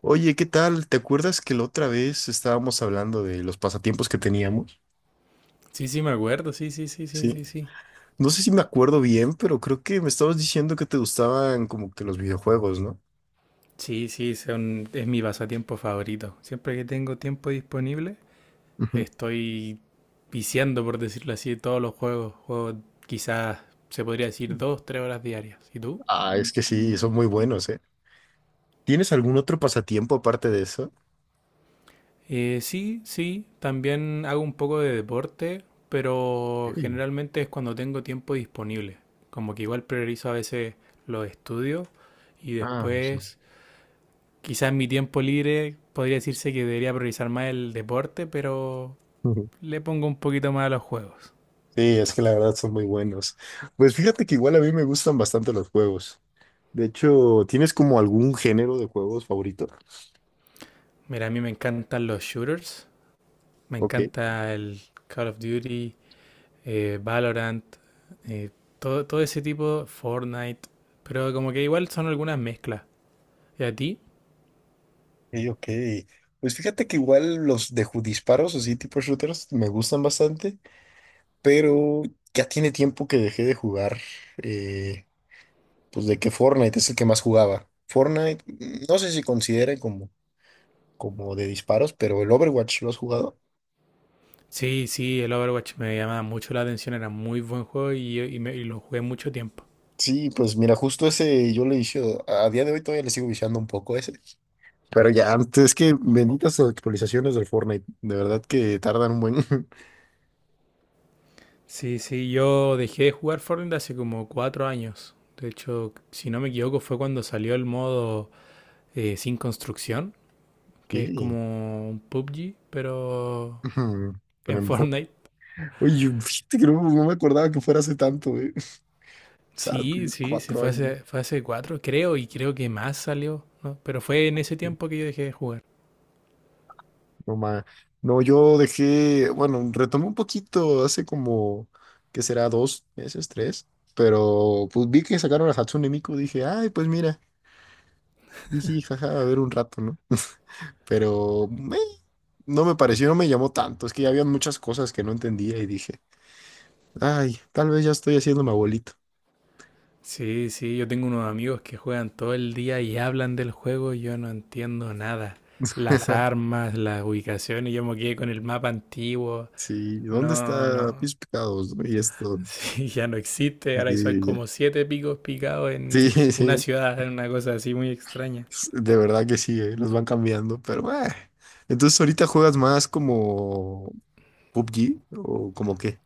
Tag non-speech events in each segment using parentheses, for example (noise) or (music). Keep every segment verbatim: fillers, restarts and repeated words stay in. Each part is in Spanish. Oye, ¿qué tal? ¿Te acuerdas que la otra vez estábamos hablando de los pasatiempos que teníamos? Sí, sí, me acuerdo, sí, sí, sí, sí, Sí. sí, sí. No sé si me acuerdo bien, pero creo que me estabas diciendo que te gustaban como que los videojuegos, ¿no? Sí, sí, son- es mi pasatiempo favorito. Siempre que tengo tiempo disponible, Ujú. estoy viciando, por decirlo así, todos los juegos. Juego quizás, se podría decir, dos, tres horas diarias. ¿Y tú? Ah, es que sí, son muy buenos, ¿eh? ¿Tienes algún otro pasatiempo aparte de eso? Eh, sí, sí, también hago un poco de deporte, pero Sí. generalmente es cuando tengo tiempo disponible. Como que igual priorizo a veces los estudios y Ah, sí. después quizás en mi tiempo libre podría decirse que debería priorizar más el deporte, pero Ujú. le pongo un poquito más a los juegos. Sí, es que la verdad son muy buenos. Pues fíjate que igual a mí me gustan bastante los juegos. De hecho, ¿tienes como algún género de juegos favorito? Mira, a mí me encantan los shooters, me Ok. encanta el Call of Duty, eh, Valorant, eh, todo, todo ese tipo, Fortnite, pero como que igual son algunas mezclas. ¿Y a ti? Ok, ok. Pues fíjate que igual los de ju- disparos, así tipo shooters, me gustan bastante, pero ya tiene tiempo que dejé de jugar, eh, pues de que Fortnite es el que más jugaba. Fortnite, mm, no sé si considere como, como de disparos, pero el Overwatch lo has jugado. Sí, sí, el Overwatch me llamaba mucho la atención, era muy buen juego y, y me- y lo jugué mucho tiempo. Sí, pues mira, justo ese yo le vicio, a día de hoy todavía le sigo viciando un poco ese. Pero ya, antes es que benditas actualizaciones del Fortnite, de verdad que tardan un buen... (laughs) Sí, sí, yo dejé de jugar Fortnite hace como cuatro años. De hecho, si no me equivoco, fue cuando salió el modo eh, sin construcción, que es Sí. como un P U B G, pero Ujú. Pero en (laughs) en Fortnite. Fortnite. Oye, (laughs) yo- fíjate que no, no me acordaba que fuera hace tanto, güey. (laughs) O sea, Sí, tienes sí, sí, cuatro fue años. hace, fue hace cuatro, creo, y creo que más salió, ¿no? Pero fue en ese Güey. tiempo que yo dejé de jugar. No, ma. No, yo dejé, bueno, retomé un poquito hace como, ¿qué será? Dos meses, tres. Pero pues vi que sacaron a Hatsune Miku, dije, ay, pues mira, jiji, jaja, a ver un rato, ¿no? Pero meh, no me pareció, no me llamó tanto. Es que ya había muchas cosas que no entendía y dije, ay, tal vez ya estoy haciendo mi abuelito. Sí, sí, yo tengo unos amigos que juegan todo el día y hablan del juego y yo no entiendo nada. Las (laughs) armas, las ubicaciones, yo me quedé con el mapa antiguo. Sí, ¿dónde No, está no, Pies Picados? ¿No? Y esto. sí, ya no existe. Ahora son como siete picos picados en Sí, (laughs) una sí, ciudad, en una cosa así muy extraña. de verdad que sí, eh, los van cambiando, pero eh. Entonces ahorita juegas más como P U B G o como qué.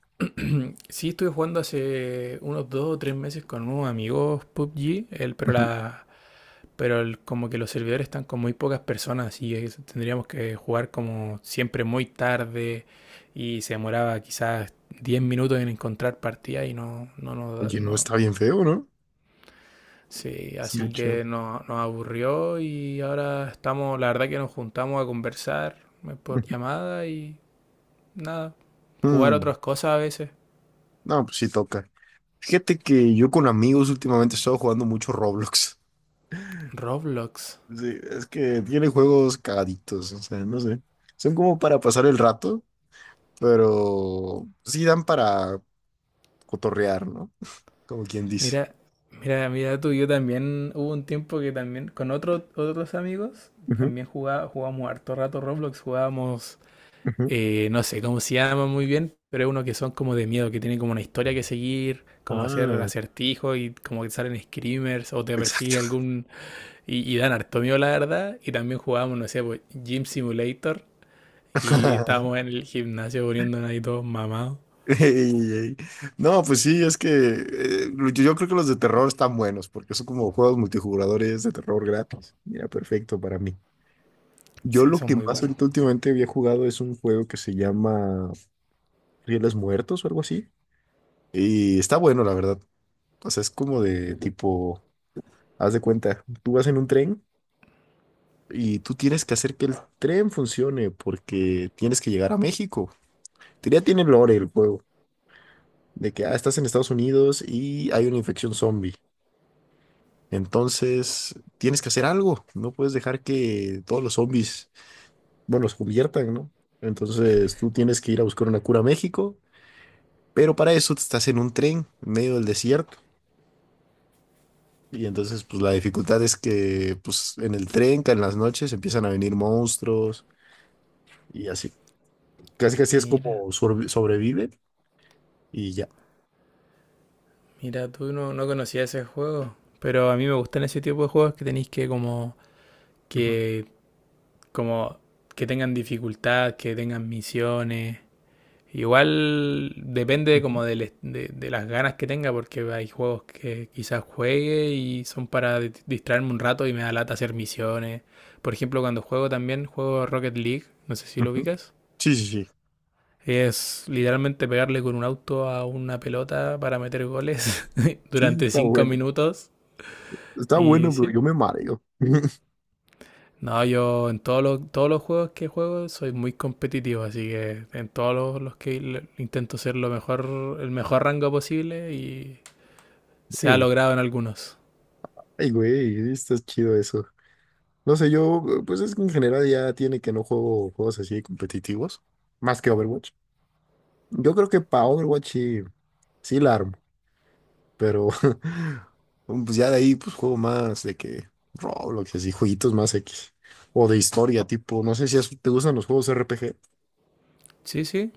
Sí, estuve jugando hace unos dos o tres meses con unos amigos P U B G, el, pero Ujú. la, pero el- como que los servidores están con muy pocas personas y es- tendríamos que jugar como siempre muy tarde y se demoraba quizás diez minutos en encontrar partida y no, no, nos da- Oye, no no, está bien feo, ¿no? sí, Es así mucho. que no- nos aburrió y ahora estamos, la verdad que nos juntamos a conversar eh, por llamada y nada, jugar Mm. otras cosas a veces. No, pues sí toca. Fíjate que yo con amigos últimamente he estado jugando mucho Roblox. Roblox. Sí, es que tiene juegos cagaditos, o sea, no sé. Son como para pasar el rato, pero sí dan para cotorrear, ¿no? Como quien dice. Mira, mira, mira tú, yo también hubo un tiempo que también con otro- otros amigos Ujú, también jugaba, jugábamos harto rato Roblox, jugábamos, ujú. eh, no sé cómo se llama muy bien, pero es uno que son como de miedo, que tienen como una historia que seguir, como hacer Ah, acertijos y como que salen screamers o te persigue exacto. algún. Y, y dan harto miedo, la verdad. Y también jugábamos, no sé, pues, Gym Simulator. Y estábamos (laughs) en el gimnasio poniéndonos ahí todos mamados. Ey, ey. No, pues sí, es que eh, yo yo creo que los de terror están buenos porque son como juegos multijugadores de terror gratis. Mira, perfecto para mí. Yo Sí, lo son que muy más buenos. ahorita últimamente había jugado es un juego que se llama Rieles Muertos o algo así. Y está bueno, la verdad. O sea, es como de tipo, haz de cuenta, tú vas en un tren y tú tienes que hacer que el tren funcione porque tienes que llegar a México. Ya tiene lore el juego, de que, ah, estás en Estados Unidos y hay una infección zombie. Entonces, tienes que hacer algo. No puedes dejar que todos los zombies, bueno, los conviertan, ¿no? Entonces, tú tienes que ir a buscar una cura a México, pero para eso estás en un tren en medio del desierto. Y entonces, pues la dificultad es que, pues en el tren, que en las noches empiezan a venir monstruos y así. Casi casi es Mira, como sorbi- sobrevive y ya. mira, tú no, no conocías ese juego. Pero a mí me gustan ese tipo de juegos que tenéis que como... Ujú, Que, como que tengan dificultad, que tengan misiones. Igual depende ujú, como del- de, de las ganas que tenga, porque hay juegos que quizás juegue y son para distraerme un rato y me da lata hacer misiones. Por ejemplo, cuando juego también, juego Rocket League, no sé si lo ujú. ubicas. Sí, sí, sí. Es literalmente pegarle con un auto a una pelota para meter goles (laughs) Sí, durante está cinco bueno. minutos. Está Y bueno, pero sí. yo me mareo. (laughs) No, yo en todos los, todos los juegos que juego soy muy competitivo, así que en todos los, los que le- intento ser lo mejor, el mejor rango posible y se ha Sí. logrado en algunos. Ay, güey, está chido eso. No sé, yo, eh, pues es que en general ya tiene que no juego juegos así competitivos, más que Overwatch. Yo creo que para Overwatch sí, sí la armo, pero (laughs) pues ya de ahí pues juego más de que Roblox, así, jueguitos más X. O de historia, tipo, no sé si es- te gustan los juegos R P G. Sí, sí.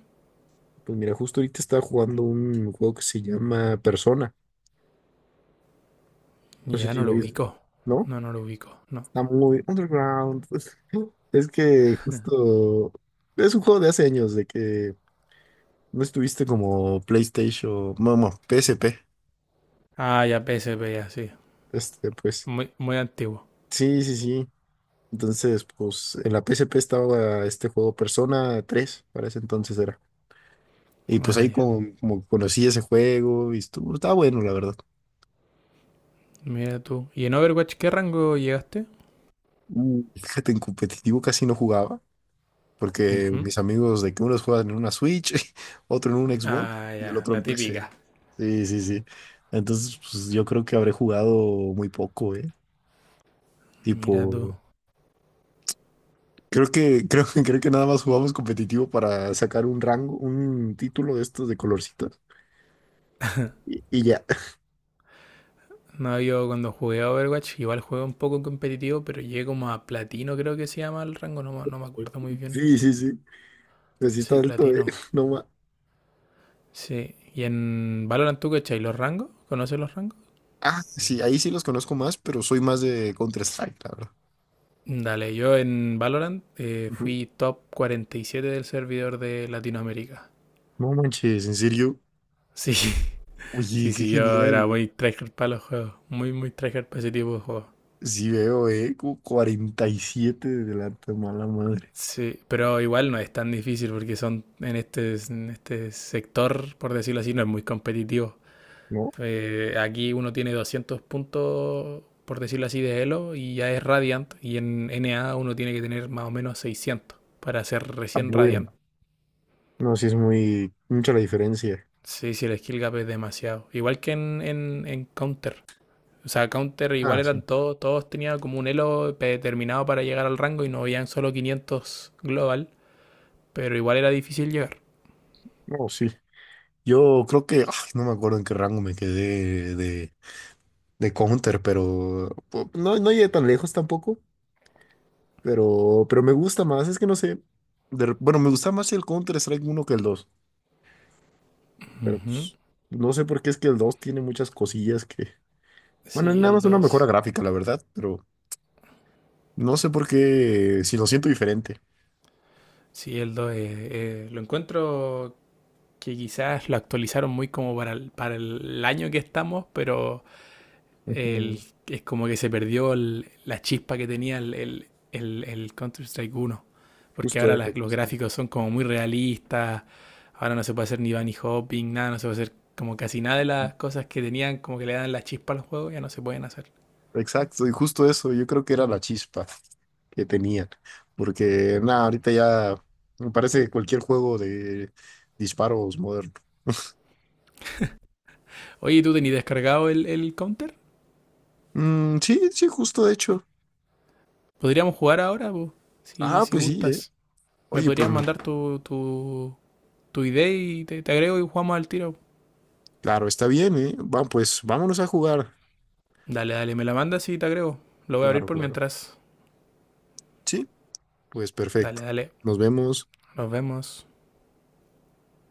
Pues mira, justo ahorita estaba jugando un juego que se llama Persona. No sé Ya si no lo lo oyes, ubico. ¿no? No, no lo ubico. No. Está muy underground. Pues, (laughs) es que justo es un juego de hace años, de que no estuviste como PlayStation, vamos, P S P. Ah, ya P S P, ya, sí. Este, pues, Muy, muy antiguo. sí, sí, sí. Entonces, pues, en la P S P estaba este juego Persona tres para ese entonces era. Y pues Ah, ahí ya. como, como conocí ese juego y estuvo, estaba bueno, la verdad. Mira tú. ¿Y en Overwatch qué rango llegaste? Mm. Fíjate, en competitivo casi no jugaba, porque Ujú. mis amigos de que unos juegan en una Switch, (laughs) otro en un Xbox Ah, y el ya. otro La en P C. típica. Sí, sí, sí. Entonces, pues yo creo que habré jugado muy poco, ¿eh? Mira tú. Tipo, creo que, creo, (laughs) que- creo que nada más jugamos competitivo para sacar un rango, un título de estos de colorcitos. Y, y ya. (laughs) No, yo cuando jugué a Overwatch, igual jugué un poco competitivo, pero llegué como a platino, creo que se llama el rango. No, me- no me acuerdo muy bien. Sí, sí, sí. Pues sí está Sí, alto, ¿eh? platino. (laughs) No más. Sí. ¿Y en Valorant tú qué cachai los rangos? ¿Conoces los rangos? Ah, sí, ahí sí los conozco más, pero soy más de Counter-Strike, la verdad. Dale, yo en Valorant eh, Ujú. fui top cuarenta y siete del servidor de Latinoamérica. No manches, en serio. Sí, (laughs) sí, Oye, qué sí, yo genial. era muy tryhard para los juegos, muy, muy tryhard para ese tipo de juegos. Sí veo, eh, como cuarenta y siete de delante, mala madre. Sí, pero igual no es tan difícil porque son en este, en este sector, por decirlo así, no es muy competitivo. No, Eh, aquí uno tiene doscientos puntos, por decirlo así, de Elo y ya es Radiant. Y en N A uno tiene que tener más o menos seiscientos para ser ah, recién bueno, Radiant. no, sí es muy, mucha la diferencia. Sí, sí, el skill gap es demasiado. Igual que en, en, en Counter. O sea, Counter igual Ah, eran sí, todos, todos tenían como un elo determinado para llegar al rango y no habían solo quinientos global, pero igual era difícil llegar. no, sí. Yo creo que, ay, no me acuerdo en qué rango me quedé de, de, Counter, pero pu- no, no llegué tan lejos tampoco, pero, pero me gusta más, es que no sé, de re- bueno, me gusta más el Counter Strike uno que el dos, pero Ujú. pues no sé por qué es que el dos tiene muchas cosillas que, bueno, es Sí, nada el más una mejora dos, gráfica, la verdad, pero no sé por qué, si lo siento diferente. sí, el dos eh, eh, lo encuentro que quizás lo actualizaron muy como para el, para el año que estamos, pero Ujú. el- es como que se perdió el- la chispa que tenía el, el, el- el Counter-Strike uno. Porque Justo ahora eso. las- los Justo eso. gráficos son como muy realistas. Ahora no se puede hacer ni bunny hopping, nada, no se puede hacer como casi nada de las cosas que tenían, como que le dan la chispa al juego, ya no se pueden hacer. Exacto, y justo eso, yo creo que era la chispa que tenían. Porque, nada, ahorita ya me parece cualquier juego de disparos moderno. Oye, ¿tú tenías descargado el, el Counter? Mm, sí, sí, justo de hecho. ¿Podríamos jugar ahora, po? ¿Si, Ah, si pues sí, ¿eh? gustas? ¿Me Oye, pues podrías me- mandar tu, tu, tu I D y te, te agrego y jugamos al tiro? claro, está bien, ¿eh? Va, pues vámonos a jugar. Dale, dale, me la mandas y te agrego. Lo voy a abrir Claro, por claro. mientras. Sí, pues Dale, perfecto. dale. Nos vemos. Nos vemos.